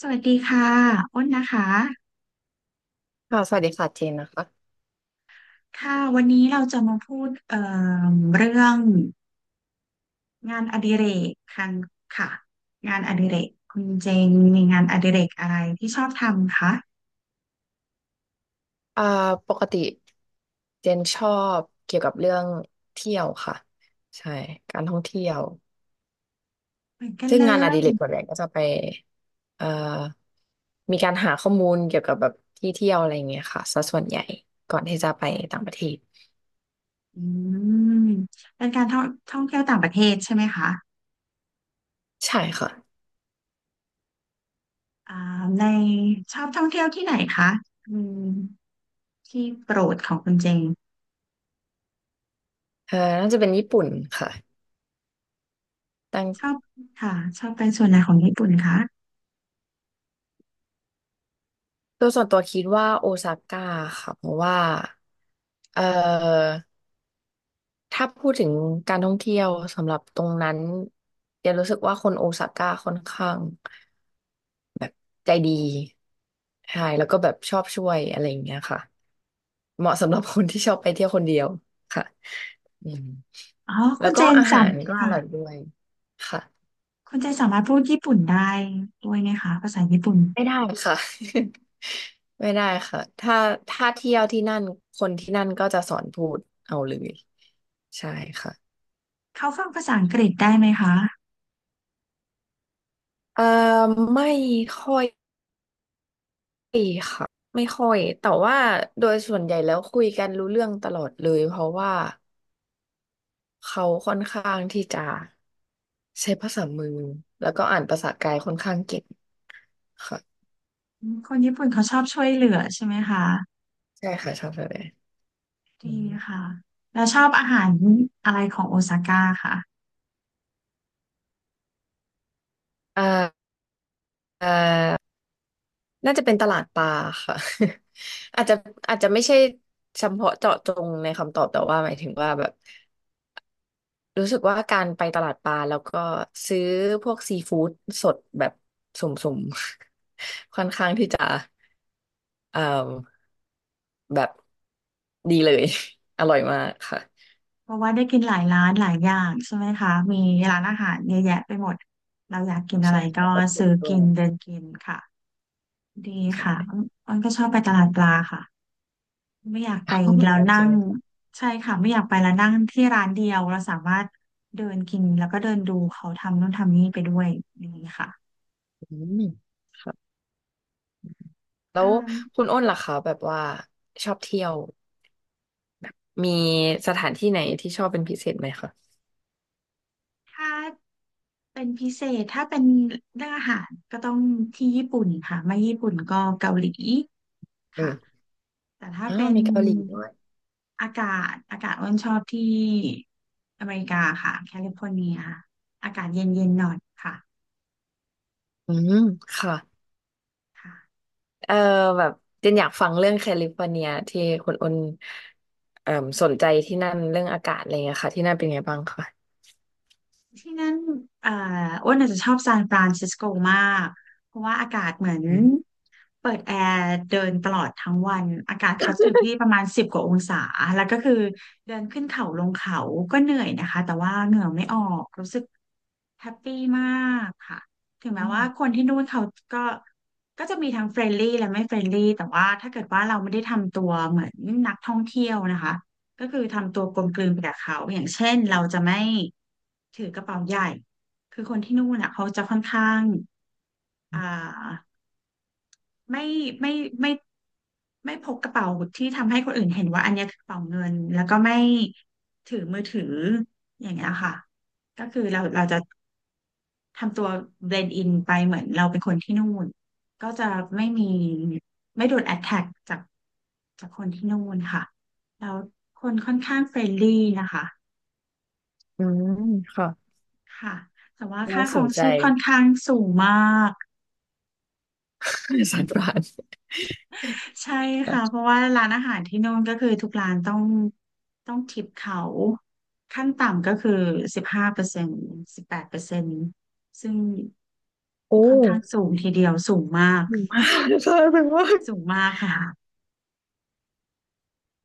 สวัสดีค่ะอ้นนะคะค่ะสวัสดีค่ะเจนนะคะค่ะวันนี้เราจะมาพูดเรื่องงานอดิเรกคันค่ะงานอดิเรกคุณเจงมีงานอดิเรกอะไรที่ชอบทำคะอ่าปกติเจนชอบเกี่ยวกับเรื่องเที่ยวค่ะใช่การท่องเที่ยวเหมือนกันซึ่งเลงานอยดิเรกส่วนใหญ่ก็จะไปเอ่อมีการหาข้อมูลเกี่ยวกับแบบที่เที่ยวอะไรอย่างเงี้ยค่ะซะส่วนใหญ่ก่อนที่จะไปต่างประเทศอืมเป็นการท่องเที่ยวต่างประเทศใช่ไหมคะใช่ค่ะอ่าในชอบท่องเที่ยวที่ไหนคะอืมที่โปรดของคุณเจงน่าจะเป็นญี่ปุ่นค่ะแต่ชอบค่ะชอบไปส่วนไหนของญี่ปุ่นคะตัวส่วนตัวคิดว่าโอซาก้าค่ะเพราะว่าเออ ถ้าพูดถึงการท่องเที่ยวสำหรับตรงนั้นเดี๋ยวรู้สึกว่าคนโอซาก้าค่อนข้างใจดีใช่แล้วก็แบบชอบช่วยอะไรอย่างเงี้ยค่ะเหมาะสำหรับคนที่ชอบไปเที่ยวคนเดียวค่ะอืมอ๋อแล้คุวณก็เจนอาจหารก็ำอค่ะ ร่อยด้วยค่ะคุณเจสามารถพูดญี่ปุ่นได้ด้วยไหมคะภาษาญี่ปุ่นไม่ได้ค่ะ ไม่ได้ค่ะถ้าถ้าเที่ยวที่นั่นคนที่นั่นก็จะสอนพูดเอาเลยใช่ค่ะเขาฟังภาษาอังกฤษได้ไหมคะเอ่อไม่ค่อย ไม่ค่ะไม่ค่อยแต่ว่าโดยส่วนใหญ่แล้วคุยกันรู้เรื่องตลอดเลยเพราะว่าเขาค่อนข้างที่จะใช้ภาษามือแล้วก็อ่านภาษากายค่อนข้างเก่งค่ะอืมคนญี่ปุ่นเขาชอบช่วยเหลือใช่ไหมคะใช่ค่ะชอบแบบนี้ดีอืมค่ะแล้วชอบอาหารอะไรของโอซาก้าค่ะอ่าอ่าน่าจะเป็นตลาดปลาค่ะ อาจจะอาจจะไม่ใช่เฉพาะเจาะจงในคำตอบแต่ว่าหมายถึงว่าแบบรู้สึกว่าการไปตลาดปลาแล้วก็ซื้อพวกซีฟู้ดสดแบบสุ่มๆ ค่อนข้างที่จะ เอ่อแบบดีเลย อร่อยมากค่ะเพราะว่าได้กินหลายร้านหลายอย่างใช่ไหมคะมีร้านอาหารเยอะแยะไปหมดเราอยากกินอะใช่ไรค่ะก็แล้วก็ถูซื้กอด้วกิยนเดินกินค่ะดีใชค่ะ่ อ้นก็ชอบไปตลาดปลาค่ะ ไม่อยากไป อ๋อเหมืแล้อนวกันนั่ใช่งไหมคะใช่ค่ะไม่อยากไปแล้วนั่งที่ร้านเดียวเราสามารถเดินกินแล้วก็เดินดูเขาทำนู่นทำนี่ไปด้วยอย่างนี้ค่ะอืมค่ะแล้อ่วคุณาอ้นล่ะคะแบบว่าชอบเที่ยวมีสถานที่ไหนที่ชอบเป็นพิเศษไหมคะถ้าเป็นพิเศษถ้าเป็นเรื่องอาหารก็ต้องที่ญี่ปุ่นค่ะไม่ญี่ปุ่นก็เกาหลีอืค่ะมแต่ถ้าอ้าเป็วนมีเกาหลีด้วยอากาศอากาศอ้นชอบที่อเมริกาค่ะแคลิฟอร์เนียอากาศเย็นๆหน่อยค่ะอืมค่ะค่ะ เอ่อแบบเจนอยากฟังเรื่องแคลิฟอร์เนียที่คุณอ้นเอ่มสนใจที่นั่นเรื่องอากาศอะไรเงี้ยค่ะที่นั่นเป็นไงบ้างคะที่นั่นอ่าอ้วนอาจจะชอบซานฟรานซิสโกมาก เพราะว่าอากาศเหมือนอืมเปิดแอร์เดินตลอดทั้งวันอากาศเขาจะอยู่ที่ประมาณ10 กว่าองศาแล้วก็คือเดินขึ้นเขาลงเขาก็เหนื่อยนะคะแต่ว่าเหงื่อไม่ออกรู้สึก แฮปปี้มากค่ะถึงแม้ว่าคนที่นู่นเขาก็ก็จะมีทั้งเฟรนลี่และไม่เฟรนลี่แต่ว่าถ้าเกิดว่าเราไม่ได้ทำตัวเหมือนนักท่องเที่ยวนะคะก็คือทำตัวกลมกลืนไปกับเขาอย่างเช่นเราจะไม่ถือกระเป๋าใหญ่คือคนที่นู่นอ่ะเขาจะค่อนข้างอ่าไม่ไม่ไม่ไม่พกกระเป๋าที่ทำให้คนอื่นเห็นว่าอันเนี้ยคือกระเป๋าเงินแล้วก็ไม่ถือมือถืออย่างเงี้ยค่ะก็คือเราจะ ทำตัวเบลนด์อินไปเหมือนเราเป็นคนที่นู่นก็จะไม่มีไม่โดนแอ t แทกจากคนที่นู่นค่ะแล้วคนค่อนข้างเฟรนลี่นะคะอืมค่ะค่ะแต่ว่าค่าน่าคสรอนงใจ ชีพค่อนข้างสูงมากสารประหลาดใช่ค่ะเพราะว่าร้านอาหารที่นู่นก็คือทุกร้านต้องทิปเขาขั้นต่ำก็คือ15%18%ซึ่งโอ้ค่อนข้างสูงทีเดียวสูงมากหิวมากค่ะแบบว่าสูงมากค่ะ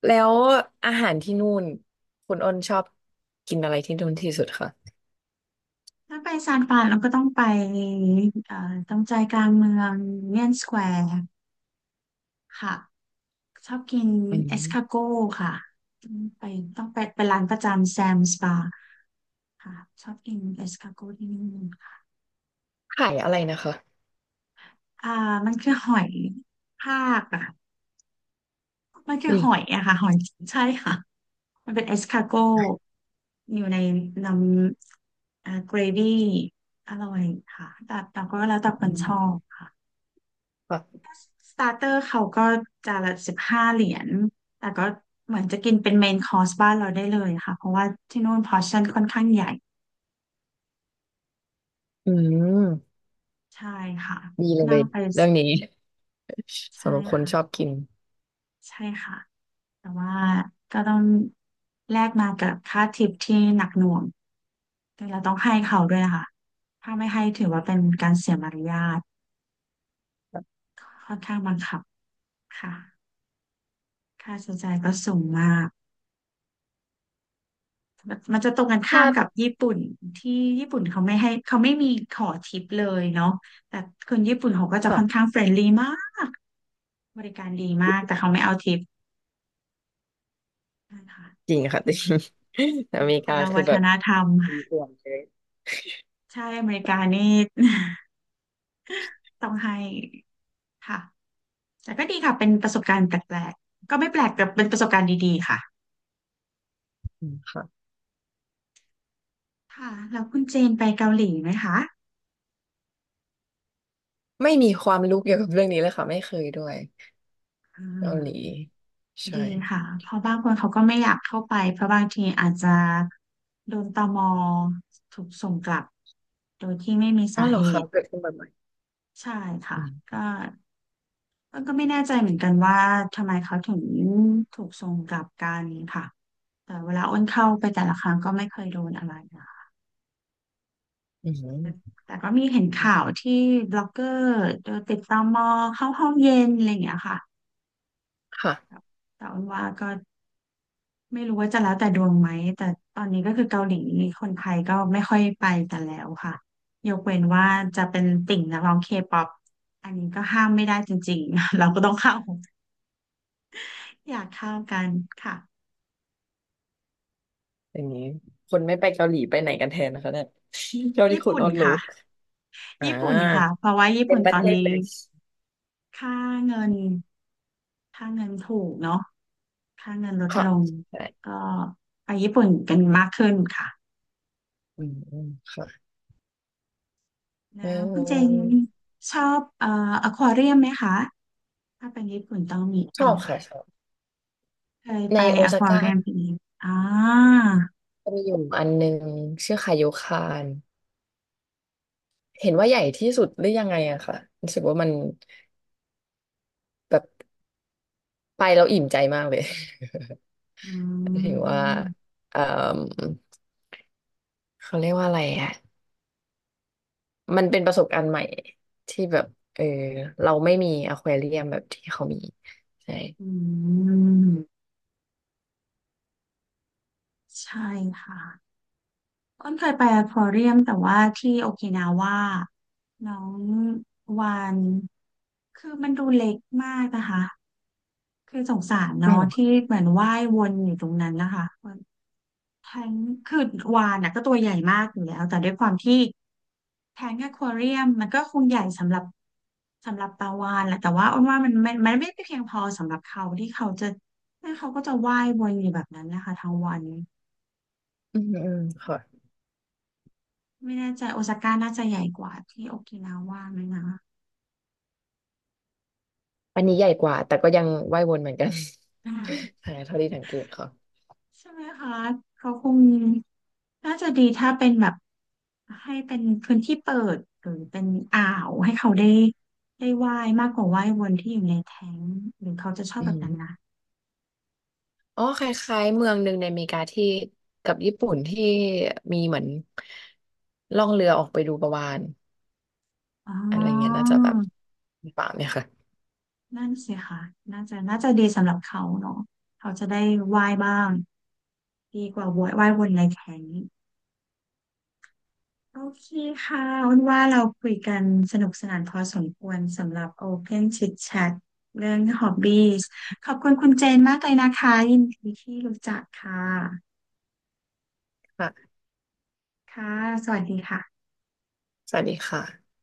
แล้วอาหารที่นู่นคุณอ้นชอบกินอะไรที่นู่นที่สุดคะถ้าไปซานฟรานเราก็ต้องไปเอ่อตรงใจกลางเมืองยูเนียนสแควร์ค่ะชอบกินอืเอสคามโก้ค่ะต้องไปต้องไปเป็นร้านประจำแซมสปาค่ะชอบกินเอสคาโก้ที่นี่ค่ะขายอะไรนะคะอ่ามันคือหอยทากอะมันคืออุ้ยหอยอะค่ะหอยใช่ค่ะมันเป็นเอสคาโก้อยู่ในน้ำเกรวี่อร่อยค่ะแต่ก็แล้วแต่คอืนชอมบค่ะ ค่ะสตาร์เตอร์เขาก็จานละ15 เหรียญแต่ก็เหมือนจะกินเป็นเมนคอร์สบ้านเราได้เลยค่ะ เพราะว่าที่นู่นพอร์ชั่นค่อนข้างใหญ่อืมใช่ค่ะดีเลนั่งยไปเรื่องนี้ใช่สำหรับคนชอบค่ะกินใช่ค่ะแต่ว่าก็ต้องแลกมากับค่าทิปที่หนักหน่วงแต่เราต้องให้เขาด้วยนะคะถ้าไม่ให้ถือว่าเป็นการเสียมารยาทค่อนข้างบังคับค่ะค่าใช้จ่ายก็สูงมาก มันจะตรงกันคข้ารัมกับบญี่ปุ่นที่ญี่ปุ่นเขาไม่ให้เขาไม่มีขอทิปเลยเนาะแต่คนญี่ปุ่นเขาก็จะค่อนข้าค่ะงเฟรนลี่มากบริการดีมากแต่เขาไม่เอาทิปนะคะจริงค่ะ จริงเป็อนเมครินกาละคือวัฒแบบนธรรมมีอวดเลยใช่อเมริกานี่ ต้องให้ค่ะแต่ก็ดีค่ะเป็นประสบการณ์แปลกๆก็ไม่แปลกแต่เป็นประสบการณ์ดีๆค่ะอืมค่ะค่ะแล้วคุณเจนไปเกาหลีไหมคะไม่มีความรู้เกี่ยวกับเรื่องนี้เลยค่ะไม่เคยด้วยอ่เกาหลีา ใช่ดีค่ะเพราะบางคนเขาก็ไม่อยากเข้าไปเพราะบางทีอาจจะโดนตมถูกส่งกลับโดยที่ไม่มีอ๋อสาเหรอเหคะตุเกิดขึ้นบ่อยใช่ค่ะๆ ก็ก็ไม่แน่ใจเหมือนกันว่าทำไมเขาถึงถูกส่งกลับกันค่ะแต่เวลาอ้นเข้าไปแต่ละครั้งก็ไม่เคยโดนอะไรนะคะอืมแต่ก็มีเห็นข่าวที่บล็อกเกอร์โดนติดตมเข้าห้องเย็นอะไรอย่างเงี้ยค่ะค่ะแต่อ้นว่าก็ ไม่รู้ว่าจะแล้วแต่ดวงไหมแต่ตอนนี้ก็คือเกาหลีคนไทยก็ไม่ค่อยไปกันแล้วค่ะยกเว้นว่าจะเป็นติ่งนักร้องเคป๊อปอันนี้ก็ห้ามไม่ได้จริงๆ เราก็ต้องเข้าอยากเข้ากันค่ะอย่างนี้คนไม่ไปเกาหลีไปไหนกันแทนนะคะเนี่ย เกาหลีญี่คุณปุ่นออนลูค่ะกอ่ญี่ปุ่นค่ะาเพราะว่าญี่เป็ปุ่นนปตระอเทนศนี้เลยค่าเงินค่าเงินถูกเนาะค่าเงินลดค่ะลงใช่ก็ไปญี่ปุ่นกันมากขึ้นค่ะอืมอืมค่ะเแล้วคุณเจนออชอบอควาเรียมไหมคะถ้าเป็นญี่ปุ่นต้องมีชเป็อน บค่ะชอบเคยในไปโออคซาวาก้าเรียมพีกอ่าจะมีอยู่อันหนึ่งชื่อคาโยคานเห็นว่าใหญ่ที่สุดหรือยังไงอะค่ะรู้สึกว่ามันแบบไปแล้วอิ่มใจมากเลย อื ถึงว่ามเอ่อเขาเรียกว่าอะไรอะ มันเป็นประสบการณ์ใหม่ที่แบบเออเราไม่มีอควาเรียมแบบที่เขามีใช่อืมใช่ค่ะอ้นเคยไปอควาเรียมแต่ว่าที่โอกินาว่าน้องวาน คือมันดูเล็กมากนะคะ คือสงสารอ๋เนาะที่อเหมือนว่ายวนอยู่ตรงนั้นนะคะทั้งคือวานน่ะก็ตัวใหญ่มากอยู่แล้วแต่ด้วยความที่ แทงอควาเรียมมันก็คงใหญ่สำหรับสำหรับปลาวาฬแหละแต่ว่าอ้นว่ามันไม่เพียงพอสำหรับเขาที่เขาจะ่เขาก็จะว่ายวนอยู่แบบนั้นนะคะทั้งวันอืมอืมค่ะไม่แน่ใจโอซาก้าน่าจะใหญ่กว่าที่โอกินาว่าไหมนะอันนี้ใหญ่กว่าแต่ก็ยังว่ายวนเหมือนกัน อ่ าใช่เท่าที่สังเกตค่ะใช่ไหมคะเขาคงน่าจะดีถ้าเป็นแบบให้เป็นพื้นที่เปิดหรือเป็นอ่าวให้เขาได้ได้ว่ายมากกว่าว่ายวนที่อยู่ในแท้งหรือเขาจะชอบอืแบบนั้นนะมอ๋อคล้ายๆเมืองหนึ่งในอเมริกาที่กับญี่ปุ่นที่มีเหมือนล่องเรือออกไปดูปลาวาฬอ๋อ อะไรเงี้ยน่าจะแบบป่าเนี่ยค่ะนั่นสิค่ะน่าจะน่าจะดีสำหรับเขาเนาะเขาจะได้ว่ายบ้างดีกว่าว่ายวนในแข็งโอเคค่ะอ้นว่าเราคุยกันสนุกสนานพอสมควรสำหรับ Open Chit Chat เรื่อง Hobbies ขอบคุณคุณเจนมากเลยนะคะยินดีที่รู้จักค่ะค่ะค่ะสวัสดีค่ะสวัสดีค่ะ